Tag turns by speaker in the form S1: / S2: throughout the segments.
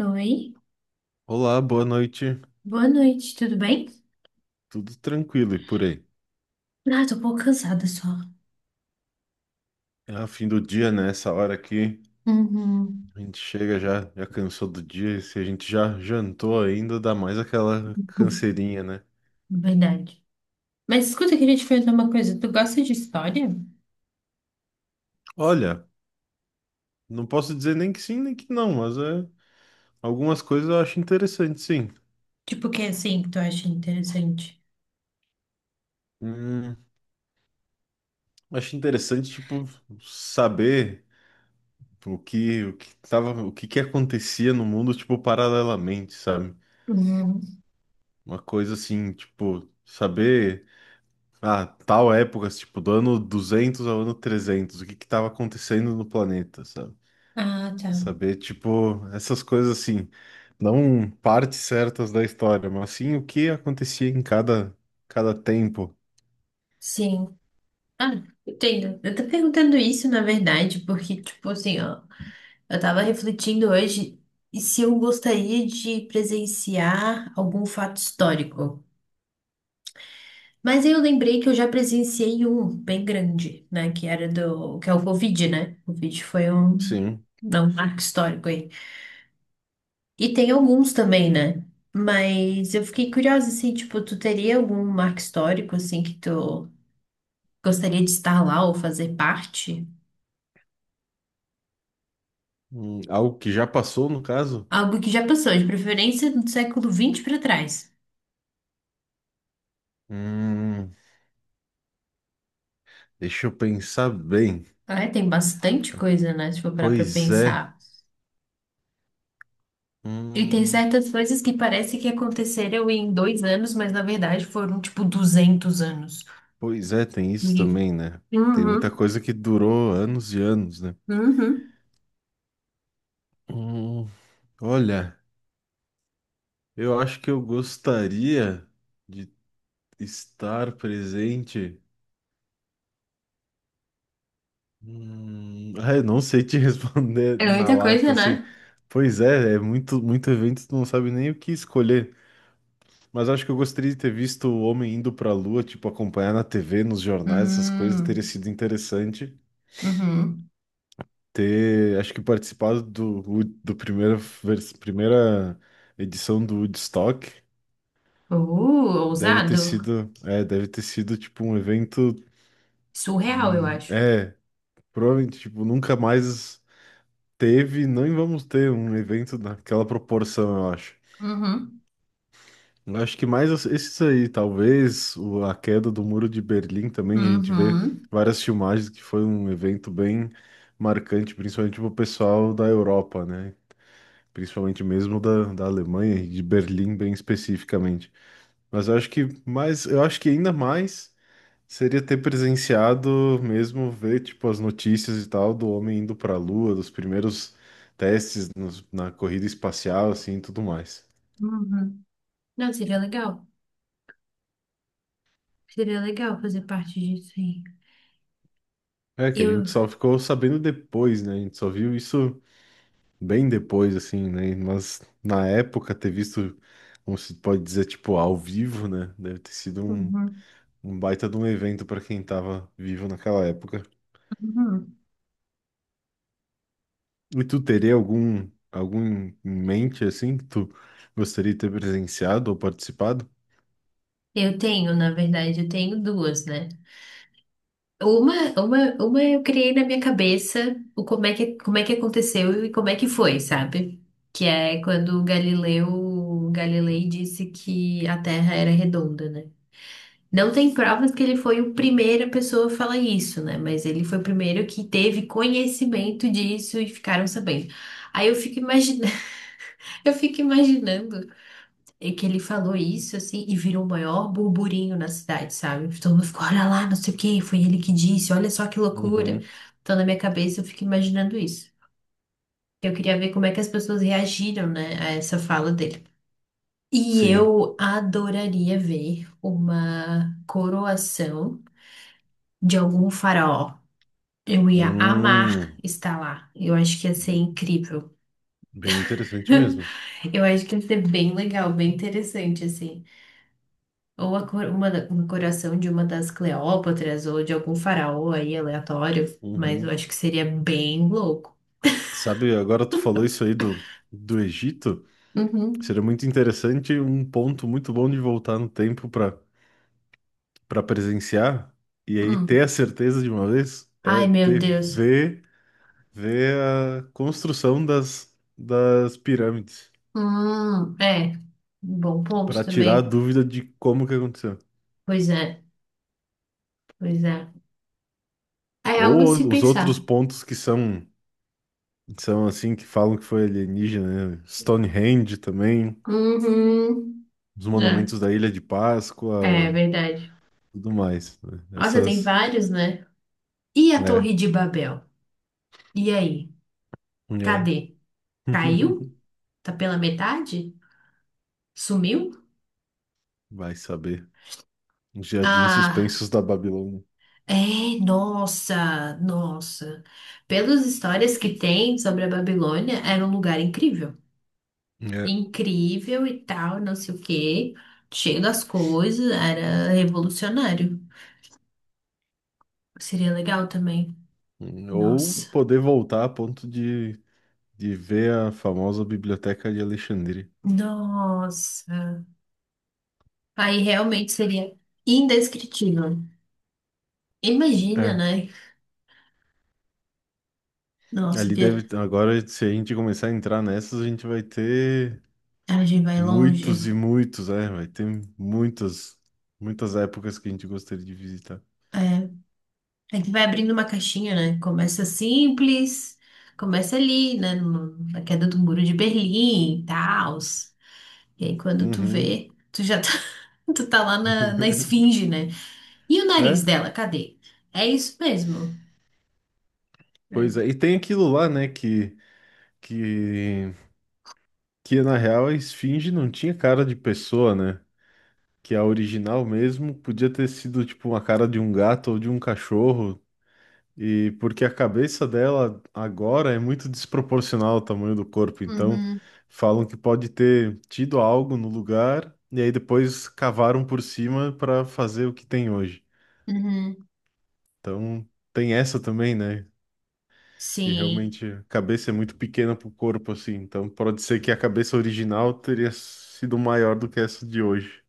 S1: Oi,
S2: Olá, boa noite.
S1: boa noite, tudo bem?
S2: Tudo tranquilo e por aí?
S1: Ah, tô um pouco cansada só.
S2: É fim do dia, né? Essa hora aqui,
S1: Uhum.
S2: a gente chega já, já cansou do dia. E se a gente já jantou ainda, dá mais aquela canseirinha, né?
S1: Verdade. Mas escuta, eu queria te perguntar uma coisa. Tu gosta de história?
S2: Olha, não posso dizer nem que sim, nem que não, mas é, algumas coisas eu acho interessante, sim.
S1: Tipo, o que é assim que tu acha interessante?
S2: Hum, Acho interessante, tipo, saber o que que acontecia no mundo, tipo, paralelamente, sabe?
S1: Uhum.
S2: Uma coisa assim, tipo, saber. Ah, tal época, assim, tipo, do ano 200 ao ano 300, o que que tava acontecendo no planeta, sabe?
S1: Ah, tá.
S2: Saber, tipo, essas coisas assim, não partes certas da história, mas sim o que acontecia em cada tempo.
S1: Sim. Ah, entendo. Eu tô perguntando isso, na verdade, porque, tipo assim, ó, eu tava refletindo hoje e se eu gostaria de presenciar algum fato histórico. Mas aí eu lembrei que eu já presenciei um bem grande, né? Que era do, que é o Covid, né? O Covid foi um,
S2: Sim.
S1: não, um marco histórico aí. E tem alguns também, né? Mas eu fiquei curiosa, assim, tipo, tu teria algum marco histórico, assim, que tu gostaria de estar lá ou fazer parte?
S2: Algo que já passou, no caso?
S1: Algo que já passou, de preferência do século XX para trás.
S2: Hum, Deixa eu pensar bem.
S1: Ah, é, tem bastante coisa, né? Se for parar pra
S2: Pois é.
S1: pensar. E tem
S2: Hum,
S1: certas coisas que parece que aconteceram em 2 anos, mas na verdade foram tipo 200 anos.
S2: Pois é, tem isso
S1: E-
S2: também, né? Tem muita
S1: Uhum,
S2: coisa que durou anos e anos, né?
S1: uhum.
S2: Hum, Olha. Eu acho que eu gostaria de estar presente. Ah, eu não sei te responder
S1: É
S2: na
S1: muita coisa,
S2: lata
S1: né?
S2: assim. Pois é, é muito, muito evento, tu não sabe nem o que escolher. Mas acho que eu gostaria de ter visto o homem indo pra Lua, tipo, acompanhar na TV, nos jornais, essas coisas, teria
S1: Hum,
S2: sido interessante.
S1: uhum.
S2: Ter, acho que participado do primeira edição do Woodstock. Deve ter
S1: Ousado.
S2: sido, é, deve ter sido tipo um evento.
S1: Surreal, eu acho.
S2: É, provavelmente, tipo, nunca mais teve, nem vamos ter um evento daquela proporção, eu acho.
S1: Uhum,
S2: Eu acho que mais esses aí, talvez a queda do Muro de Berlim também, a gente vê
S1: uhum,
S2: várias filmagens que foi um evento bem marcante, principalmente para o pessoal da Europa, né? Principalmente mesmo da Alemanha e de Berlim, bem especificamente. Mas eu acho que ainda mais. Seria ter presenciado mesmo, ver tipo as notícias e tal do homem indo para a Lua, dos primeiros testes na corrida espacial, assim, e tudo mais.
S1: uhum. Não, seria legal. Seria legal fazer parte disso aí.
S2: É que a
S1: Eu,
S2: gente só ficou sabendo depois, né? A gente só viu isso bem depois, assim, né? Mas na época ter visto, como se pode dizer, tipo ao vivo, né? Deve ter sido um,
S1: uhum,
S2: um baita de um evento para quem tava vivo naquela época.
S1: uhum.
S2: E tu teria algum em mente assim que tu gostaria de ter presenciado ou participado?
S1: Eu tenho, na verdade, eu tenho duas, né? Uma eu criei na minha cabeça o como é que aconteceu e como é que foi, sabe? Que é quando o Galileu Galilei disse que a Terra era redonda, né? Não tem provas que ele foi o primeiro a pessoa a falar isso, né? Mas ele foi o primeiro que teve conhecimento disso e ficaram sabendo. Aí eu fico imaginando, eu fico imaginando. E que ele falou isso, assim, e virou o maior burburinho na cidade, sabe? Todo mundo ficou, olha lá, não sei o quê, foi ele que disse, olha só que loucura.
S2: Uhum,
S1: Então, na minha cabeça, eu fico imaginando isso. Eu queria ver como é que as pessoas reagiram, né, a essa fala dele. E
S2: sim.
S1: eu adoraria ver uma coroação de algum faraó. Eu ia
S2: Hum,
S1: amar estar lá. Eu acho que ia ser incrível.
S2: Bem interessante mesmo.
S1: Eu acho que ia ser bem legal, bem interessante, assim. Ou a cor- uma, da- um coração de uma das Cleópatras ou de algum faraó aí aleatório, mas eu
S2: Uhum.
S1: acho que seria bem louco.
S2: Sabe, agora tu falou isso aí do Egito.
S1: Uhum.
S2: Seria muito interessante, um ponto muito bom de voltar no tempo para presenciar e aí ter a
S1: Hum.
S2: certeza de uma vez é
S1: Ai, meu
S2: ter
S1: Deus.
S2: ver, ver a construção das pirâmides
S1: É, bom
S2: para
S1: ponto
S2: tirar a
S1: também.
S2: dúvida de como que aconteceu.
S1: Pois é, pois é. É algo a
S2: Ou
S1: se
S2: os
S1: pensar.
S2: outros pontos que são assim que falam que foi alienígena, né? Stonehenge também.
S1: Uhum.
S2: Os
S1: É,
S2: monumentos da Ilha de
S1: é
S2: Páscoa,
S1: verdade.
S2: tudo mais, né?
S1: Nossa, tem
S2: Essas.
S1: vários, né? E a
S2: É,
S1: Torre de Babel? E aí?
S2: é.
S1: Cadê? Caiu? Tá pela metade? Sumiu?
S2: Vai saber. Os Jardins
S1: Ah.
S2: suspensos da Babilônia.
S1: É, nossa, nossa. Pelas histórias que tem sobre a Babilônia, era um lugar incrível.
S2: É.
S1: Incrível e tal, não sei o quê. Cheio das coisas, era revolucionário. Seria legal também.
S2: Ou
S1: Nossa.
S2: poder voltar a ponto de ver a famosa Biblioteca de Alexandria.
S1: Nossa. Aí realmente seria indescritível. Imagina,
S2: É.
S1: né? Nossa,
S2: Ali deve. Agora, se a gente começar a entrar nessas, a gente vai ter
S1: a viagem vai longe.
S2: muitos e muitos, é. Vai ter muitas, muitas épocas que a gente gostaria de visitar.
S1: É. É que vai abrindo uma caixinha, né? Começa simples, começa ali, né? Na queda do muro de Berlim e tal. E aí quando tu
S2: Uhum.
S1: vê, tu já tá, tu tá lá na esfinge, né? E o
S2: É,
S1: nariz dela, cadê? É isso mesmo.
S2: pois
S1: É.
S2: é. E tem aquilo lá, né, que, que na real a esfinge não tinha cara de pessoa, né? Que a original mesmo podia ter sido tipo uma cara de um gato ou de um cachorro. E porque a cabeça dela agora é muito desproporcional ao tamanho do corpo, então
S1: Uhum,
S2: falam que pode ter tido algo no lugar e aí depois cavaram por cima para fazer o que tem hoje.
S1: uhum.
S2: Então tem essa também, né? Que
S1: Sim,
S2: realmente a cabeça é muito pequena pro corpo, assim. Então pode ser que a cabeça original teria sido maior do que essa de hoje.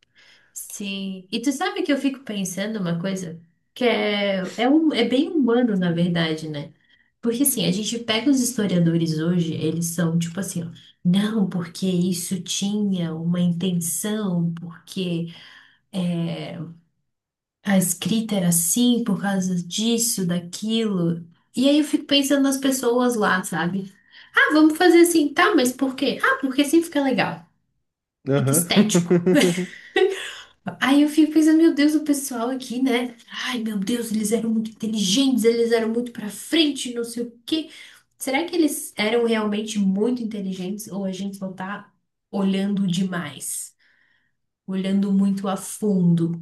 S1: sim. E tu sabe que eu fico pensando uma coisa que é bem humano, na verdade, né? Porque assim, a gente pega os historiadores hoje, eles são tipo assim, ó, não, porque isso tinha uma intenção, porque é, a escrita era assim por causa disso, daquilo. E aí eu fico pensando nas pessoas lá, sabe? Ah, vamos fazer assim, tá, mas por quê? Ah, porque assim fica legal, fica
S2: Aham.
S1: estético. Aí eu fico pensando, meu Deus, o pessoal aqui, né? Ai, meu Deus, eles eram muito inteligentes, eles eram muito pra frente, não sei o quê. Será que eles eram realmente muito inteligentes ou a gente só tá olhando demais, olhando muito a fundo?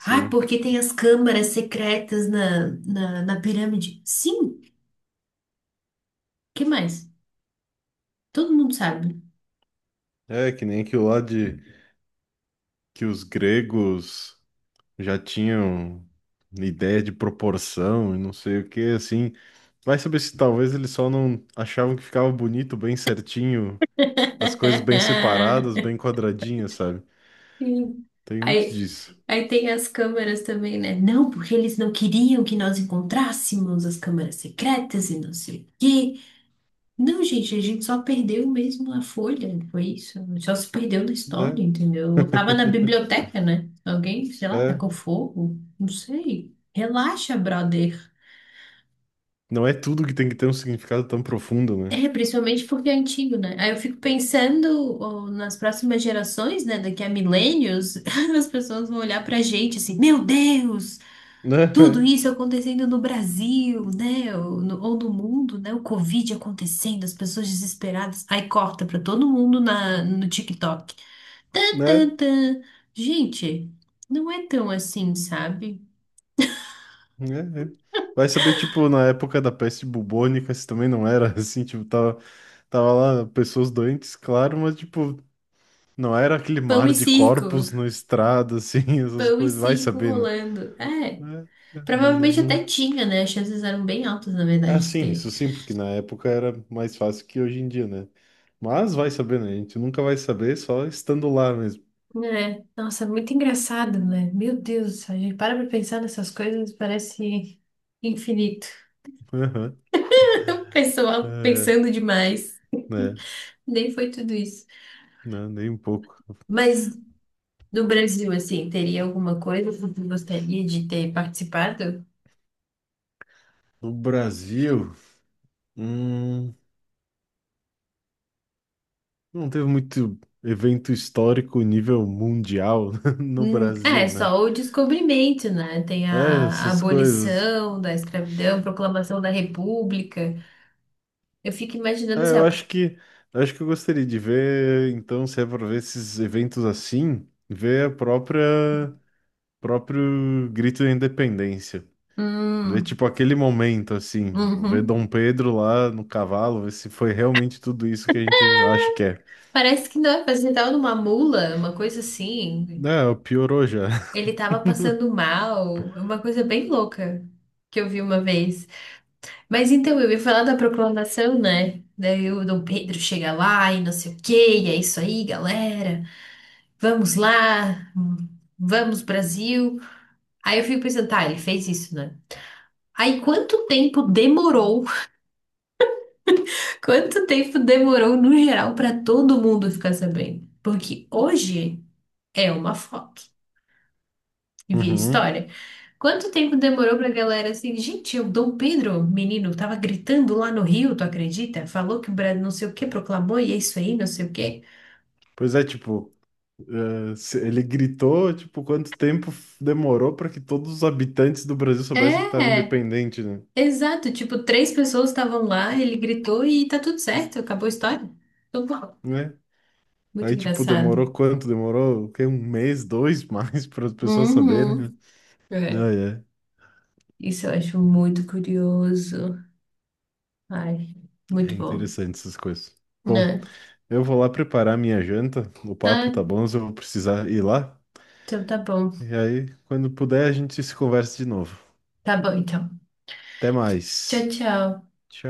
S1: Ah, porque tem as câmaras secretas na pirâmide. Sim, que mais? Todo mundo sabe.
S2: É que nem aquilo lá de que os gregos já tinham ideia de proporção e não sei o que, assim. Vai saber se talvez eles só não achavam que ficava bonito, bem certinho, as coisas bem separadas, bem quadradinhas, sabe?
S1: Sim.
S2: Tem muito
S1: Aí,
S2: disso,
S1: aí tem as câmeras também, né? Não, porque eles não queriam que nós encontrássemos as câmeras secretas e não sei o quê. Não, gente, a gente só perdeu mesmo a folha, né? foi isso. Só se perdeu na história,
S2: né?
S1: entendeu? Eu tava na biblioteca, né? Alguém, sei lá,
S2: É.
S1: tacou fogo, não sei. Relaxa, brother.
S2: Não é tudo que tem que ter um significado tão profundo, né?
S1: É, principalmente porque é antigo, né? Aí eu fico pensando ó, nas próximas gerações, né? Daqui a milênios, as pessoas vão olhar pra gente assim, meu Deus! Tudo
S2: Né?
S1: isso acontecendo no Brasil, né? Ou no mundo, né? O Covid acontecendo, as pessoas desesperadas. Aí corta pra todo mundo na, no TikTok. Tan,
S2: Né?
S1: tan, tan. Gente, não é tão assim, sabe?
S2: Né? Né? Vai saber, tipo, na época da peste bubônica, se também não era assim, tipo, tava lá pessoas doentes, claro, mas, tipo, não era aquele
S1: Pão
S2: mar
S1: e
S2: de
S1: circo.
S2: corpos na estrada, assim, essas
S1: Pão e
S2: coisas. Vai
S1: circo
S2: saber, né?
S1: rolando. É.
S2: Né? Né?
S1: Provavelmente até
S2: Nunca.
S1: tinha, né? As chances eram bem altas, na
S2: Ah,
S1: verdade, de
S2: sim,
S1: ter.
S2: isso sim, porque na época era mais fácil que hoje em dia, né? Mas vai saber, né? A gente nunca vai saber só estando lá mesmo.
S1: É. Nossa, muito engraçado, né? Meu Deus, a gente para pra pensar nessas coisas, parece infinito.
S2: Aham. É,
S1: Pessoal
S2: é,
S1: pensando demais.
S2: né?
S1: Nem foi tudo isso.
S2: Não, nem um pouco.
S1: Mas no Brasil, assim, teria alguma coisa que você gostaria de ter participado?
S2: No Brasil, hum, não teve muito evento histórico nível mundial no
S1: É,
S2: Brasil, né?
S1: só o descobrimento, né? Tem
S2: É,
S1: a
S2: essas coisas.
S1: abolição da escravidão, proclamação da República. Eu fico imaginando
S2: É,
S1: assim,
S2: eu
S1: ó,
S2: acho que eu acho que eu gostaria de ver, então, se é para ver esses eventos assim, ver a própria próprio grito da independência. Ver
S1: hum,
S2: tipo aquele momento assim, tipo, ver
S1: uhum.
S2: Dom Pedro lá no cavalo, ver se foi realmente tudo isso que a gente acha que é.
S1: Parece que não, parece que ele tava numa mula, uma coisa assim.
S2: Não, piorou já.
S1: Ele tava passando mal, uma coisa bem louca que eu vi uma vez. Mas então, eu ia falar da proclamação, né? Daí o Dom Pedro chega lá e não sei o quê, e é isso aí, galera. Vamos lá, vamos Brasil. Aí eu fico pensando, tá, ele fez isso, né? Aí quanto tempo demorou? Quanto tempo demorou no geral pra todo mundo ficar sabendo? Porque hoje é uma foto. E via
S2: Uhum.
S1: história. Quanto tempo demorou pra galera assim, gente, o Dom Pedro, menino, tava gritando lá no Rio, tu acredita? Falou que o Brasil não sei o que proclamou e é isso aí, não sei o quê.
S2: Pois é, tipo, ele gritou, tipo, quanto tempo demorou para que todos os habitantes do Brasil soubessem que estava
S1: É,
S2: independente, né?
S1: exato, tipo, três pessoas estavam lá, ele gritou e tá tudo certo, acabou a história. Tudo bom.
S2: Né?
S1: Muito
S2: Aí, tipo,
S1: engraçado.
S2: demorou quanto? Demorou, o quê? Um mês, dois mais para as pessoas saberem, né?
S1: Uhum. É,
S2: Ah, é.
S1: isso eu acho muito curioso. Ai,
S2: É
S1: muito bom.
S2: interessante essas coisas. Bom,
S1: Né?
S2: eu vou lá preparar minha janta. O papo
S1: Ah,
S2: tá bom, mas eu vou precisar ir lá.
S1: então tá bom.
S2: E aí, quando puder, a gente se conversa de novo.
S1: Tá bom, então.
S2: Até
S1: Tchau,
S2: mais.
S1: tchau.
S2: Tchau.